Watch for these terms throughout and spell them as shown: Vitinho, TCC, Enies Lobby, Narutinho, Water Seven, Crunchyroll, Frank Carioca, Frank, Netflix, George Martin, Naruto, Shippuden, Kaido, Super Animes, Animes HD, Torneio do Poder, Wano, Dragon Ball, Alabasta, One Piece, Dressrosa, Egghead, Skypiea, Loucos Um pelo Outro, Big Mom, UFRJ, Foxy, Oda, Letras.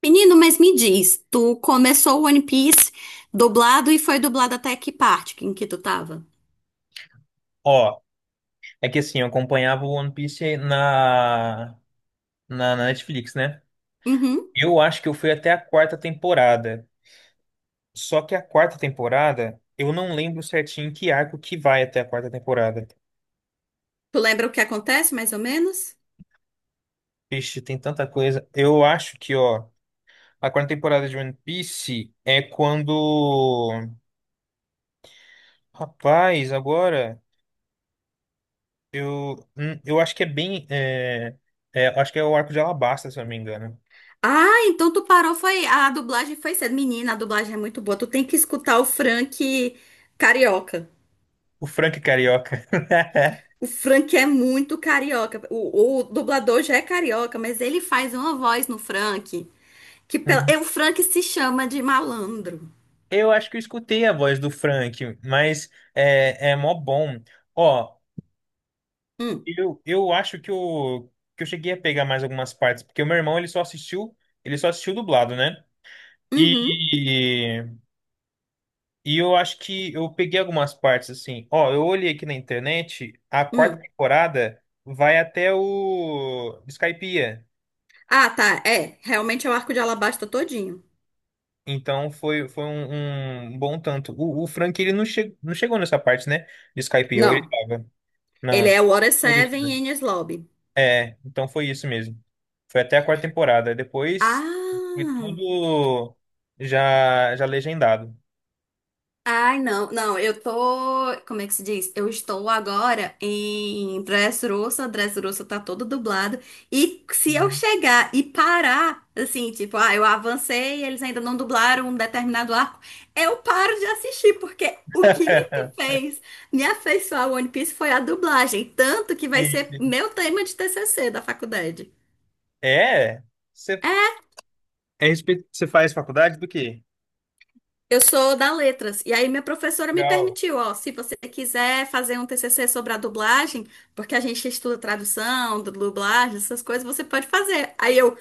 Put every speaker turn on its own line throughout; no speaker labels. Menino, mas me diz, tu começou o One Piece dublado e foi dublado até que parte em que tu tava?
Ó, é que assim, eu acompanhava o One Piece aí na Netflix, né?
Uhum.
Eu acho que eu fui até a quarta temporada. Só que a quarta temporada, eu não lembro certinho que arco que vai até a quarta temporada.
Tu lembra o que acontece, mais ou menos?
Vixe, tem tanta coisa. Eu acho que, ó, a quarta temporada de One Piece é quando. Rapaz, agora. Eu acho que é bem. É, acho que é o arco de Alabasta, se eu não me engano.
Ah, então tu parou, foi, a dublagem foi cedo. Menina, a dublagem é muito boa. Tu tem que escutar o Frank carioca.
O Frank Carioca.
O Frank é muito carioca. O dublador já é carioca, mas ele faz uma voz no Frank que é, o Frank se chama de malandro.
Eu acho que eu escutei a voz do Frank, mas é mó bom. Ó,
Hum,
eu acho que eu cheguei a pegar mais algumas partes, porque o meu irmão ele só assistiu dublado, né?
uhum,
E, e eu acho que eu peguei algumas partes assim. Ó, eu olhei aqui na internet, a quarta
hum.
temporada vai até o Skypiea.
Ah, tá, é, realmente é o arco de Alabasta todinho.
Então foi um bom tanto. O Frank ele não chegou nessa parte, né? De Skypiea, ou ele
Não.
tava.
Ele
Não.
é Water
Por isso.
Seven e Enies Lobby.
É, então foi isso mesmo. Foi até a quarta temporada. Depois foi
Ah!
tudo já, já legendado.
Ai, não. Não, eu tô. Como é que se diz? Eu estou agora em Dressrosa. Dressrosa tá todo dublado. E se eu chegar e parar, assim, tipo, ah, eu avancei e eles ainda não dublaram um determinado arco, eu paro de assistir, porque o que me fez me afeiçoar ao One Piece foi a dublagem. Tanto que vai ser
E-
meu tema de TCC da faculdade.
É, você você faz faculdade do quê?
Eu sou da Letras, e aí minha professora me
Legal.
permitiu, ó, se você quiser fazer um TCC sobre a dublagem, porque a gente estuda tradução, dublagem, essas coisas, você pode fazer.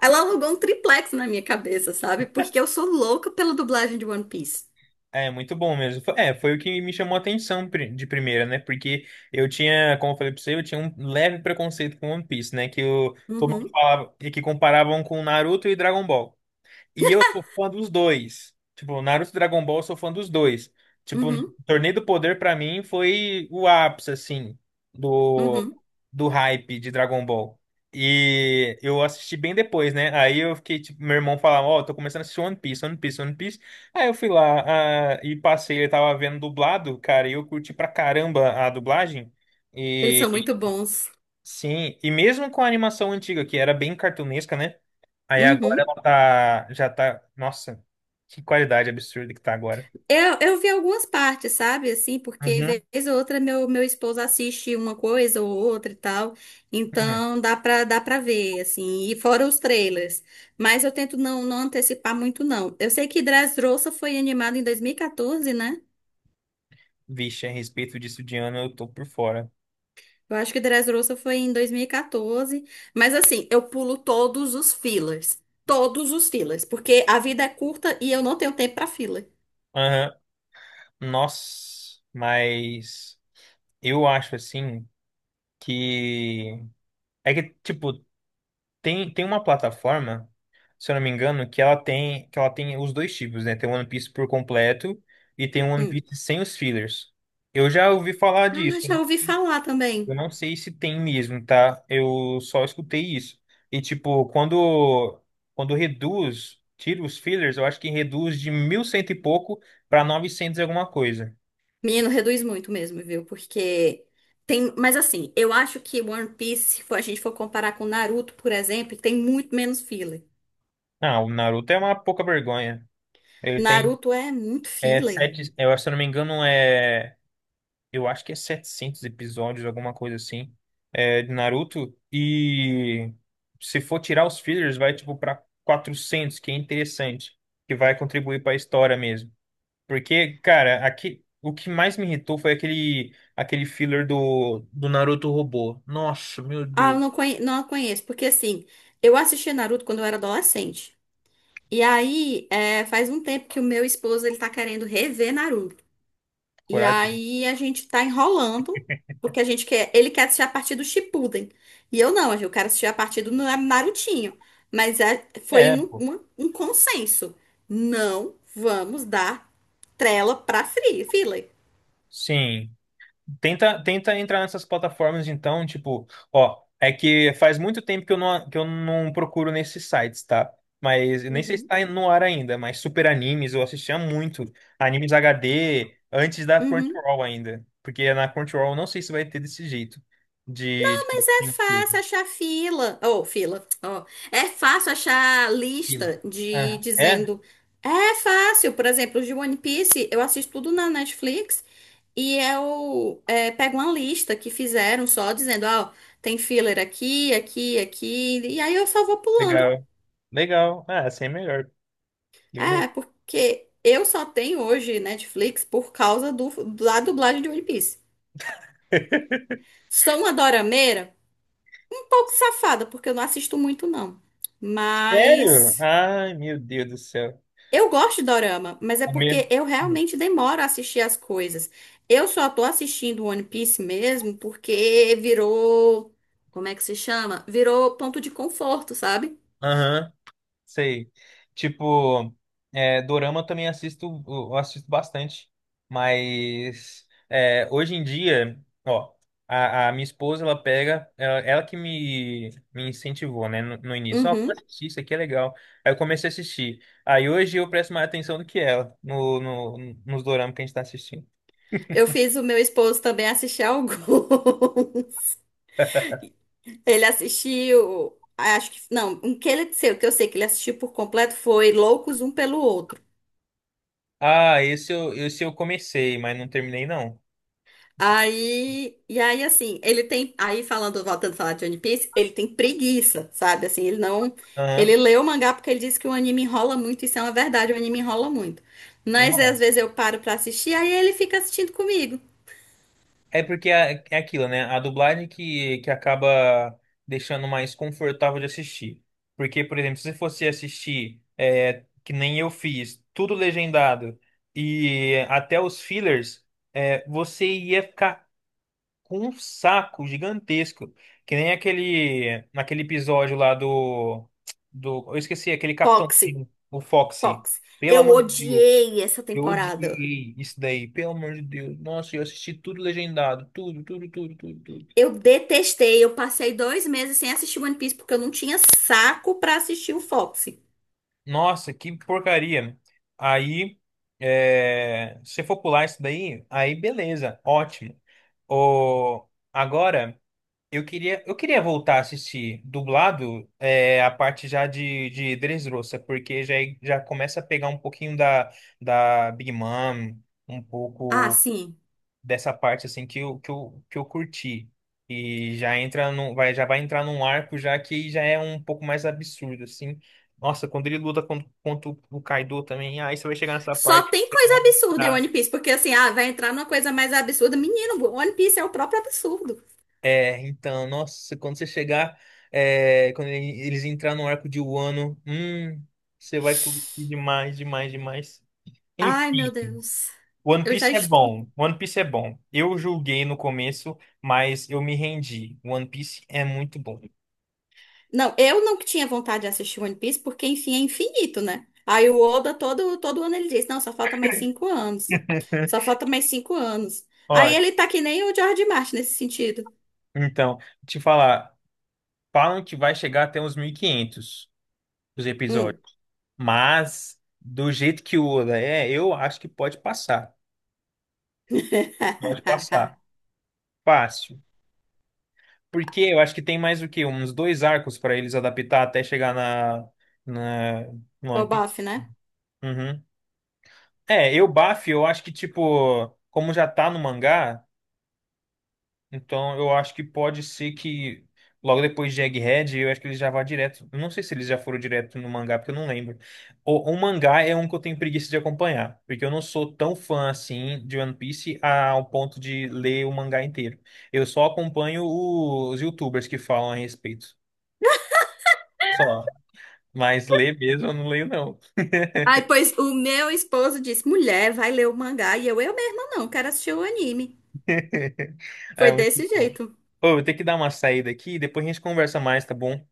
Ela alugou um triplex na minha cabeça, sabe? Porque eu sou louca pela dublagem de One Piece.
É muito bom mesmo. Foi o que me chamou a atenção de primeira, né? Porque eu tinha, como eu falei pra você, eu tinha um leve preconceito com One Piece, né? Que eu, todo mundo
Uhum,
falava e que comparavam com Naruto e Dragon Ball. E eu sou fã dos dois. Tipo, Naruto e Dragon Ball, eu sou fã dos dois. Tipo, no
uhum,
Torneio do Poder, pra mim, foi o ápice, assim, do,
uhum.
do hype de Dragon Ball. E eu assisti bem depois, né? Aí eu fiquei, tipo, meu irmão falava, ó, tô começando a assistir One Piece, One Piece, One Piece. Aí eu fui lá, ah, e passei, ele tava vendo dublado, cara, e eu curti pra caramba a dublagem.
Eles
E
são muito bons.
sim, e mesmo com a animação antiga, que era bem cartunesca, né? Aí agora
Uhum.
ela tá, já tá, nossa, que qualidade absurda que tá agora.
Eu vi algumas partes, sabe? Assim, porque
Uhum.
vez ou outra meu esposo assiste uma coisa ou outra e tal.
Uhum.
Então dá pra ver, assim. E fora os trailers. Mas eu tento não antecipar muito, não. Eu sei que Dressrosa foi animado em 2014, né?
Vixe, a respeito disso de ano eu tô por fora.
Eu acho que Dressrosa foi em 2014. Mas assim, eu pulo todos os fillers. Todos os fillers. Porque a vida é curta e eu não tenho tempo pra filler.
Aham, nossa, mas eu acho assim que é que tipo tem uma plataforma, se eu não me engano, que ela tem os dois tipos, né? Tem o One Piece por completo e tem o One
Hum.
Piece sem os fillers. Eu já ouvi falar
Ah,
disso.
já ouvi falar também.
Eu não sei se tem mesmo, tá? Eu só escutei isso. E tipo, quando reduz, tira os fillers, eu acho que reduz de 1100 e cem e pouco pra 900 e alguma coisa.
Menino, reduz muito mesmo, viu? Porque tem. Mas assim, eu acho que One Piece, se for- a gente for comparar com Naruto, por exemplo, tem muito menos filler.
Ah, o Naruto é uma pouca vergonha. Ele tem
Naruto é muito
é
filler.
sete, eu acho, se eu não me engano eu acho que é 700 episódios, alguma coisa assim, é, de Naruto e se for tirar os fillers vai tipo pra 400, que é interessante, que vai contribuir pra história mesmo. Porque, cara, aqui, o que mais me irritou foi aquele filler do Naruto robô. Nossa, meu
Ah,
Deus,
eu não conhe... não a conheço, porque assim, eu assisti Naruto quando eu era adolescente. E aí, é, faz um tempo que o meu esposo ele tá querendo rever Naruto. E
coragem.
aí a gente tá enrolando, porque ele quer assistir a partir do Shippuden. E eu não, eu quero assistir a partir do Narutinho. Mas foi
É,
um,
pô.
um, um consenso. Não vamos dar trela pra Free, Filler.
Sim. Tenta, tenta entrar nessas plataformas, então, tipo, ó, é que faz muito tempo que eu não procuro nesses sites, tá? Mas eu nem sei se
Uhum.
tá no ar ainda, mas Super Animes, eu assistia muito. Animes HD, antes da
Uhum.
Crunchyroll ainda. Porque na Crunchyroll eu não sei se vai ter desse jeito. De, tipo,
Mas é
assim,
fácil achar fila, ou fila, ó, é fácil achar
E-
lista de
Ah, é?
dizendo, é fácil, por exemplo, os de One Piece, eu assisto tudo na Netflix e pego uma lista que fizeram só dizendo, ó, tem filler aqui, aqui, aqui, e aí eu só vou pulando.
Legal. Legal. Ah, assim é melhor. Bem melhor.
É, porque eu só tenho hoje Netflix por causa da dublagem de One Piece. Sou uma dorameira, um pouco safada, porque eu não assisto muito, não.
Sério?
Mas
Ai, meu Deus do céu.
eu gosto de dorama, mas é
A minha...
porque eu realmente demoro a assistir as coisas. Eu só tô assistindo One Piece mesmo porque virou. Como é que se chama? Virou ponto de conforto, sabe?
Aham. Sei. Tipo, dorama eu também assisto, eu assisto bastante. Mas é, hoje em dia, ó, a minha esposa, ela que me incentivou, né, no início. Ó, vamos
Uhum.
assistir, isso aqui é legal. Aí eu comecei a assistir. Aí hoje eu presto mais atenção do que ela no, no, nos doramas que a gente tá assistindo.
Eu fiz o meu esposo também assistir alguns. Ele assistiu. Acho que. Não, um que ele, o que eu sei que ele assistiu por completo foi Loucos Um pelo Outro.
Ah, esse eu comecei, mas não terminei, não.
Aí, e aí assim, ele tem, aí falando, voltando a falar de One Piece, ele tem preguiça, sabe? Assim, ele não,
Aham.
ele lê o mangá porque ele diz que o anime enrola muito, isso é uma verdade, o anime enrola muito. Mas às vezes eu paro pra assistir, aí ele fica assistindo comigo.
É porque é aquilo, né? A dublagem que acaba deixando mais confortável de assistir. Porque, por exemplo, se fosse assistir, que nem eu fiz, tudo legendado e até os fillers, você ia ficar com um saco gigantesco. Que nem aquele, naquele episódio lá do. Eu esqueci, aquele Capitão
Foxy,
Pym, o Foxy.
Foxy.
Pelo
Eu
amor de Deus.
odiei essa
Eu
temporada.
odiei isso daí, pelo amor de Deus. Nossa, eu assisti tudo legendado, tudo, tudo, tudo, tudo, tudo.
Eu detestei, eu passei 2 meses sem assistir One Piece porque eu não tinha saco pra assistir o Foxy.
Nossa, que porcaria. Aí, é, se for pular isso daí, aí beleza, ótimo. O... Agora, eu queria voltar a assistir dublado, é, a parte já de Dressrosa, porque já começa a pegar um pouquinho da Big Mom, um
Ah,
pouco.
sim.
Dessa parte assim que eu curti. E já entra num, vai, já vai entrar num arco já que já é um pouco mais absurdo assim. Nossa, quando ele luta contra o Kaido também, aí você vai chegar nessa
Só
parte que
tem
você
coisa
vai
absurda em
adorar.
One Piece, porque assim, ah, vai entrar numa coisa mais absurda. Menino, One Piece é o próprio absurdo.
É, então, nossa, quando você chegar, é, quando eles entrar no arco de Wano, você vai curtir demais, demais, demais. Enfim,
Ai, meu Deus.
One
Eu
Piece
já
é
estou.
bom. One Piece é bom. Eu julguei no começo, mas eu me rendi. One Piece é muito bom.
Não, eu não tinha vontade de assistir One Piece, porque, enfim, é infinito, né? Aí o Oda, todo ano, ele diz: Não, só falta mais 5 anos. Só falta mais cinco anos.
Ó,
Aí ele tá que nem o George Martin nesse sentido.
então, te falar, falam que vai chegar até uns 1500 os
Hum.
episódios, mas do jeito que o Oda é, eu acho que pode passar. Pode passar. Fácil. Porque eu acho que tem mais o quê? Uns dois arcos para eles adaptar até chegar na, na no
o
One Piece.
bafo, né?
Uhum. É, eu acho que, tipo, como já tá no mangá. Então, eu acho que pode ser que logo depois de Egghead, eu acho que eles já vá direto. Eu não sei se eles já foram direto no mangá, porque eu não lembro. O mangá é um que eu tenho preguiça de acompanhar, porque eu não sou tão fã assim de One Piece ao ponto de ler o mangá inteiro. Eu só acompanho os YouTubers que falam a respeito. Só. Mas ler mesmo eu não leio, não.
Ai, pois o meu esposo disse: Mulher, vai ler o mangá. E eu mesma não, quero assistir o anime.
É
Foi
muito
desse
bom.
jeito.
Ô, eu vou ter que dar uma saída aqui, depois a gente conversa mais, tá bom?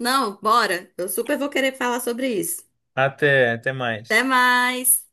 Não, bora. Eu super vou querer falar sobre isso.
Até, até
Até
mais.
mais.